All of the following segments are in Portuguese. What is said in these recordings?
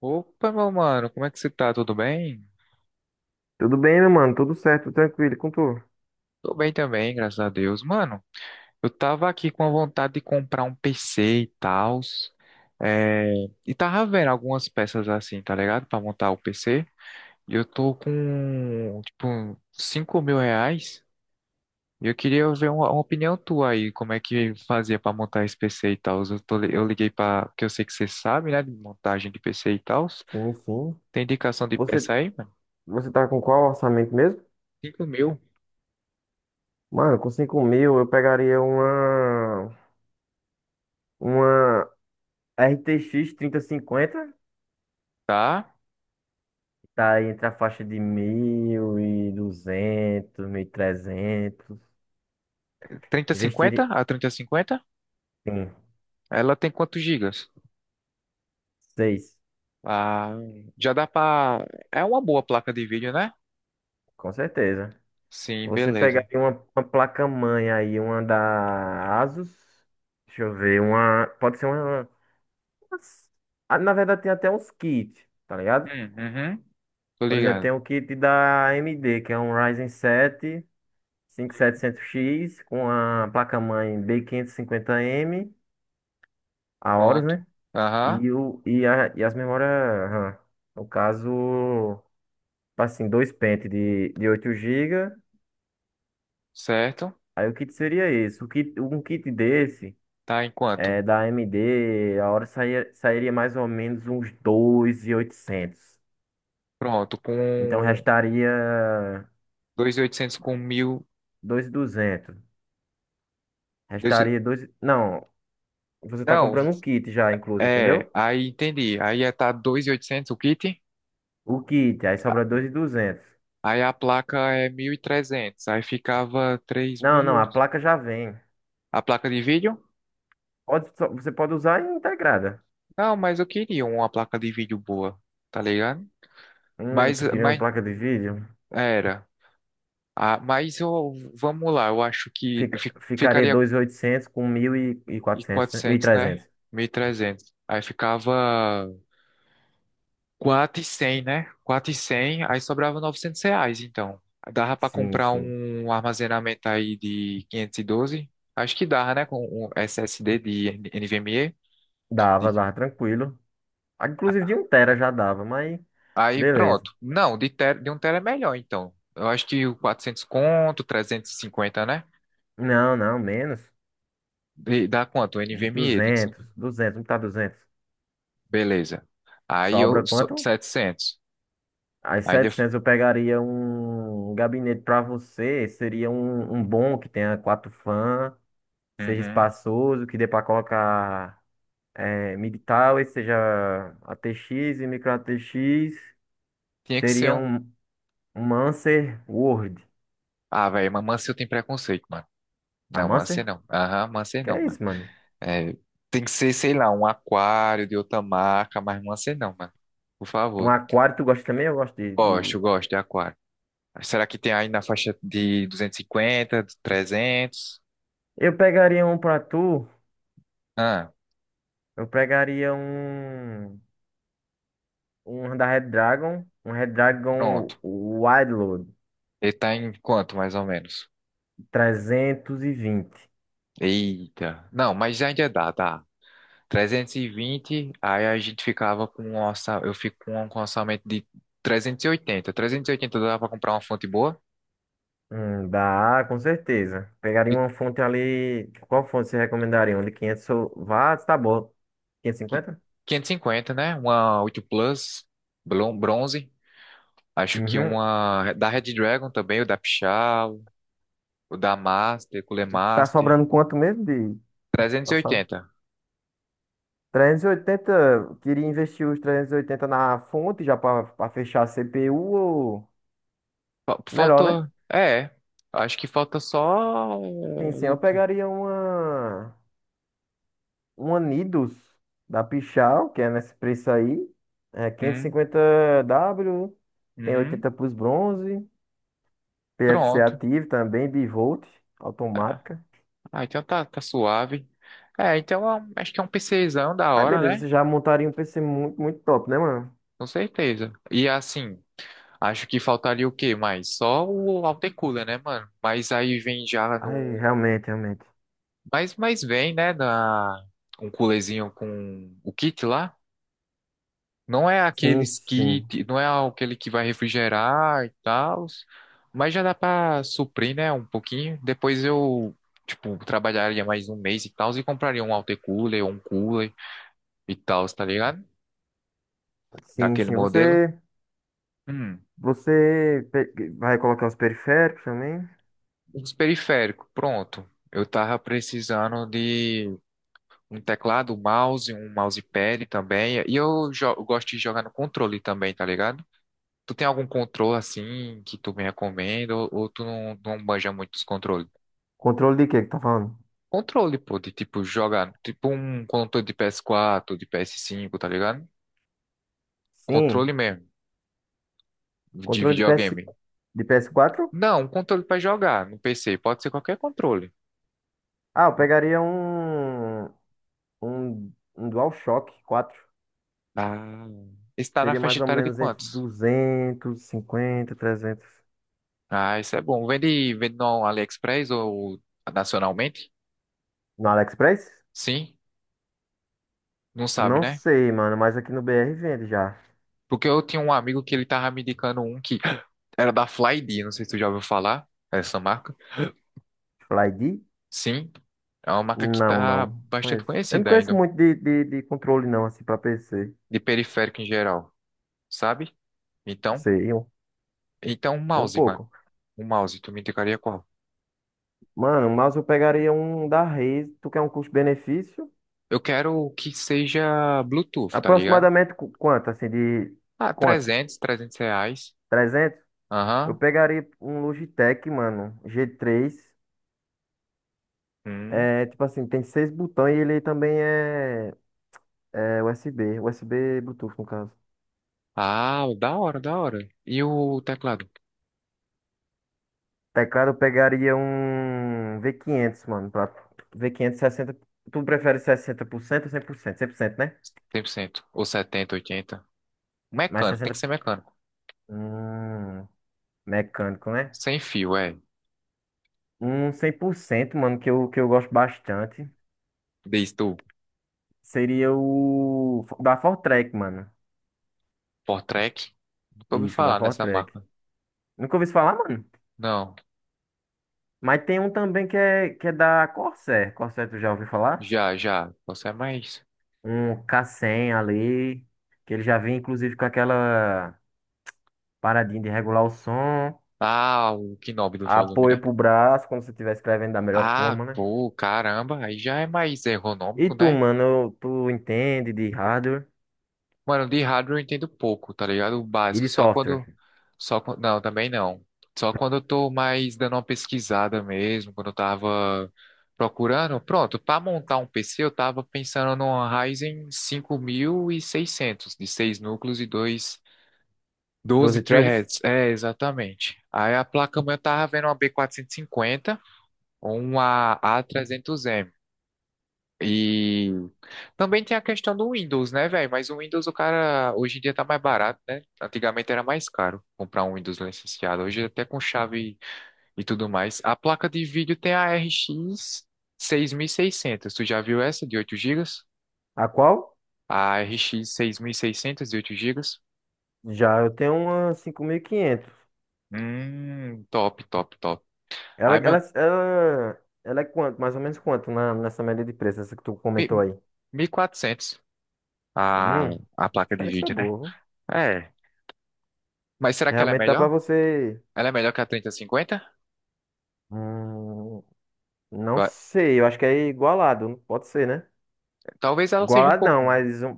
Opa, meu mano, como é que você tá? Tudo bem? Tudo bem, meu mano? Tudo certo, tranquilo, e com tu? Tô bem também, graças a Deus. Mano, eu tava aqui com a vontade de comprar um PC e tal, e tava vendo algumas peças assim, tá ligado? Pra montar o PC. E eu tô com, tipo, 5.000 reais. E eu queria ver uma opinião tua aí, como é que fazia pra montar esse PC e tal. Eu liguei pra, porque eu sei que você sabe, né, de montagem de PC e tal. Sim, sim. Tem indicação de Você, peça aí, mano? você tá com qual orçamento mesmo? 5.000, Mano, com 5 mil eu pegaria uma RTX cinquenta, tá? tá aí entre a faixa de mil, mil e duzentos, mil e trezentos. 3050, Investiria, a trinta e cinquenta, sim, ela tem quantos gigas? seis, Ah, já dá pra. É uma boa placa de vídeo, né? com certeza. Sim, Você beleza. pegaria uma placa-mãe aí, uma da Asus, deixa eu ver, uma, pode ser ah, na verdade tem até uns kits, tá ligado? Uhum. Tô Por exemplo, tem ligado. o kit da AMD, que é um Ryzen 7 5700X com a placa-mãe B quinhentos e cinquenta m, a Horus, Pronto. né? Aham, E, e as memórias RAM. No caso, assim, dois pentes de 8 GB. certo. Aí o kit seria esse. O kit, um kit desse, Tá em quanto? é, da AMD, a hora sairia mais ou menos uns 2.800. Pronto, Então com restaria 2.800, com 1.000 2.200. dois- Restaria dois. Não, você tá Não, comprando um kit já, incluso, é, entendeu? aí entendi. Aí ia tá 2.800 o kit, O kit, aí sobra 2.200. aí a placa é 1.300, aí ficava três Não, não, mil a placa já vem. A placa de vídeo? Pode, você pode usar integrada. Não, mas eu queria uma placa de vídeo boa, tá ligado? Mas, Tu queria uma mas placa de vídeo? era. Ah, mas eu, vamos lá, eu acho que Fica, fi- ficaria ficaria 2.800 com mil e em quatrocentos, né? Mil e 400, né? trezentos. 1.300. Aí ficava 400 e 100, né? 400 e 100. Aí sobrava 900 reais, então. Dava pra Sim, comprar sim. um armazenamento aí de 512? Acho que dava, né? Com um SSD de NVMe. Dava, dava tranquilo. Ah, inclusive de um tera já dava, mas Aí beleza. pronto. Não, de um tera é melhor, então. Eu acho que o 400 conto, 350, né? Não, não, menos. Dá quanto? O Uns NVMe tem que ser. 200, 200, não tá 200. Beleza. Aí eu, Sobra quanto? 700. As Ainda, 700 eu pegaria um gabinete para você, seria um bom que tenha quatro fãs, seja Uhum. espaçoso, que dê para colocar, é, MIDI towers, seja ATX e micro ATX, Tinha que ser seria um. Um Mancer Word. Ah, velho, mas Mancia eu tenho preconceito, mano. A Não, Mancia Mancer? não. Aham, Mancia Que não, é mano. isso, mano? É, tem que ser, sei lá, um aquário de outra marca, mas Mancia não, mano. Por Um favor. aquário, tu gosta também? Eu gosto de, Gosto, de... gosto de aquário. Será que tem aí na faixa de 250, de 300? Eu pegaria um pra tu, Ah, eu pegaria um, um da Red Dragon, um Red pronto. Dragon Wide Load, Ele tá em quanto, mais ou menos? vinte. Eita. Não, mas ainda dá, dá. 320. Aí a gente ficava com um orçamento, eu fico com um orçamento de 300. 380. 380 dá pra comprar uma fonte boa, Dá, com certeza. Pegaria de uma fonte ali. Qual fonte você recomendaria? Uma de 500 watts, tá bom. qui- 550? 550, né? Uma 8 Plus, bronze. Acho que Uhum. uma da Red Dragon também, o da Pichau, o da Master, Cooler Tá Master. sobrando quanto mesmo de, tá sabe? 380. 380, eu queria investir os 380 na fonte já para fechar a CPU ou Fa- melhor, né? Faltou, é, acho que falta só Sim, sim, o eu que? pegaria uma Nidus da Pichal, que é nesse preço aí, é quinhentos e Hum? cinquenta w tem Uhum. 80 para os bronze, PFC Pronto. ativo também, bivolt, Ah, automática. ah, então tá, tá suave. É, então acho que é um PCzão da Aí hora, beleza, né? você já montaria um PC muito, muito top, né, mano? Com certeza. E assim, acho que faltaria o quê mais? Só o autocooler, né, mano? Mas aí vem já Aí, no. realmente, realmente. Mas vem, né? Na. Um coolerzinho com o kit lá. Não é Sim, aqueles sim. kit, não é aquele que vai refrigerar e tal. Mas já dá pra suprir, né? Um pouquinho. Depois eu, tipo, trabalharia mais um mês e tal. E compraria um autocooler ou um cooler. E tal, tá ligado? Sim, Daquele sim. modelo. Hum, Vai colocar os periféricos também? os periféricos, pronto. Eu tava precisando de um teclado, um mouse, um mousepad também. E eu gosto de jogar no controle também, tá ligado? Tu tem algum controle assim que tu me recomenda, ou, tu não manja muito os controles? Controle de quê que tá falando? Controle, pô, de tipo jogar, tipo um controle de PS4, de PS5, tá ligado? Sim. Controle mesmo, de Controle de PS, videogame. de PS4? Não, um controle pra jogar no PC, pode ser qualquer controle. Ah, eu pegaria um DualShock 4. Ah, está na Seria faixa mais ou etária de menos entre quantos? 250, 300. Ah, isso é bom. Vende, vende no AliExpress ou nacionalmente? No AliExpress? Sim? Não sabe, Não né? sei, mano, mas aqui no BR vende já. Porque eu tinha um amigo que ele tava me indicando um que era da Flyd, não sei se tu já ouviu falar essa marca. FlyD? Sim, é uma marca que Não, tá não bastante conheço. Eu não conhecida conheço ainda, muito de controle, não, assim, pra PC. de periférico em geral, sabe? Então, Sei, um, então um sei um mouse, mano. pouco. Um mouse, tu me indicaria qual? Mano, mas eu pegaria um da Razer. Tu quer um custo-benefício? Eu quero que seja Bluetooth, tá ligado? Aproximadamente quanto, assim, de... Ah, Quanto? 300, 300 reais. 300? Eu Aham. pegaria um Logitech, mano, G3. Hum. É, tipo assim, tem seis botões e ele também é USB. USB Bluetooth, no caso. Ah, da hora, da hora. E o teclado? Teclado eu pegaria um v quinhentos, mano. Pra... v quinhentos sessenta. Tu prefere 60%, ou 100%, 100%, né? 100%. Ou 70, 80? Mais Mecânico, tem que sessenta. ser mecânico. Hum, mecânico, né? Sem fio, é. Um 100%, mano, que eu gosto bastante. Diz tu, Seria o... Da Fortrek, mano. Portrek. Nunca ouvi Isso, da falar nessa Fortrek. marca. Nunca ouvi isso falar, mano. Não, Mas tem um também que é da Corsair. Corsair, tu já ouviu falar? já, já. Você é mais. Um K100 ali. Que ele já vem, inclusive, com aquela paradinha de regular o som. Ah, o Knob do volume, Apoio né? pro braço, como se estiver escrevendo da melhor Ah, forma, né? pô, caramba. Aí já é mais E ergonômico, tu, né? mano, tu entende de hardware Mano, de hardware eu entendo pouco, tá ligado? O e básico, de só quando, software? só quando, não, também não. Só quando eu tô mais dando uma pesquisada mesmo, quando eu tava procurando. Pronto, pra montar um PC eu tava pensando numa Ryzen 5.600 de 6 núcleos e dois 12 12 threads? threads. É, exatamente. Aí a placa-mãe eu tava vendo uma B 450 ou uma A 300 M, e também tem a questão do Windows, né, velho? Mas o Windows, o cara, hoje em dia tá mais barato, né? Antigamente era mais caro comprar um Windows licenciado. Hoje até com chave e tudo mais. A placa de vídeo tem a RX 600. Tu já viu essa de 8 GB? A qual? A RX seiscentos de 8 GB? Já eu tenho uma 5.500. Top, top, top. Ela, Aí, ela, meu, ela, ela é quanto? Mais ou menos quanto na, nessa média de preço, essa que tu mi- comentou aí? 1400. a, Hum, a placa de diferença vídeo, né? boa, viu? É. Mas será que ela é Realmente dá pra melhor? você. Ela é melhor que a 3050? Hum, não sei, eu acho que é igualado, pode ser, né? Talvez ela seja um Igualado pouco. não, mas um-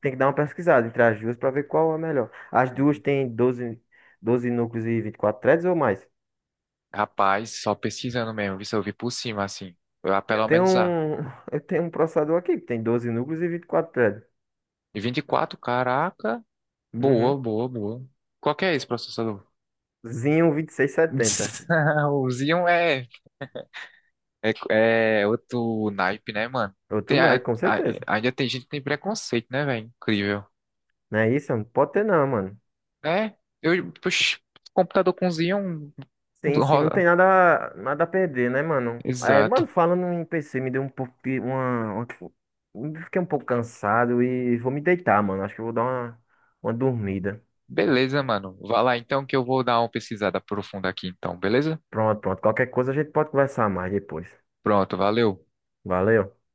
tem que dar uma pesquisada entre as duas para ver qual é melhor. As duas Uhum. têm 12 núcleos e 24 threads ou mais? Rapaz, só pesquisando mesmo, isso eu vi por cima, assim. Ah, Eu pelo tenho menos a. um, eu tenho um processador aqui que tem 12 núcleos e 24 threads. E 24, caraca. Uhum. Boa, boa, boa. Qual que é esse processador? Zinho vinte e seis setenta. O Xeon é outro naipe, né, mano? Outro Tem, Nike, com certeza. ainda tem gente que tem preconceito, né, velho? Incrível. Não é isso? Não pode ter não, mano. É, eu, puxa, computador com Xeon Sim, sim, não tem roda. nada a perder, né, mano? É, Exato. mano, falando em PC, me deu um pouco de uma. Fiquei um pouco cansado e vou me deitar, mano. Acho que eu vou dar uma dormida. Beleza, mano. Vai lá então que eu vou dar uma pesquisada profunda aqui, então, beleza? Pronto, pronto. Qualquer coisa a gente pode conversar mais depois. Pronto, valeu. Valeu.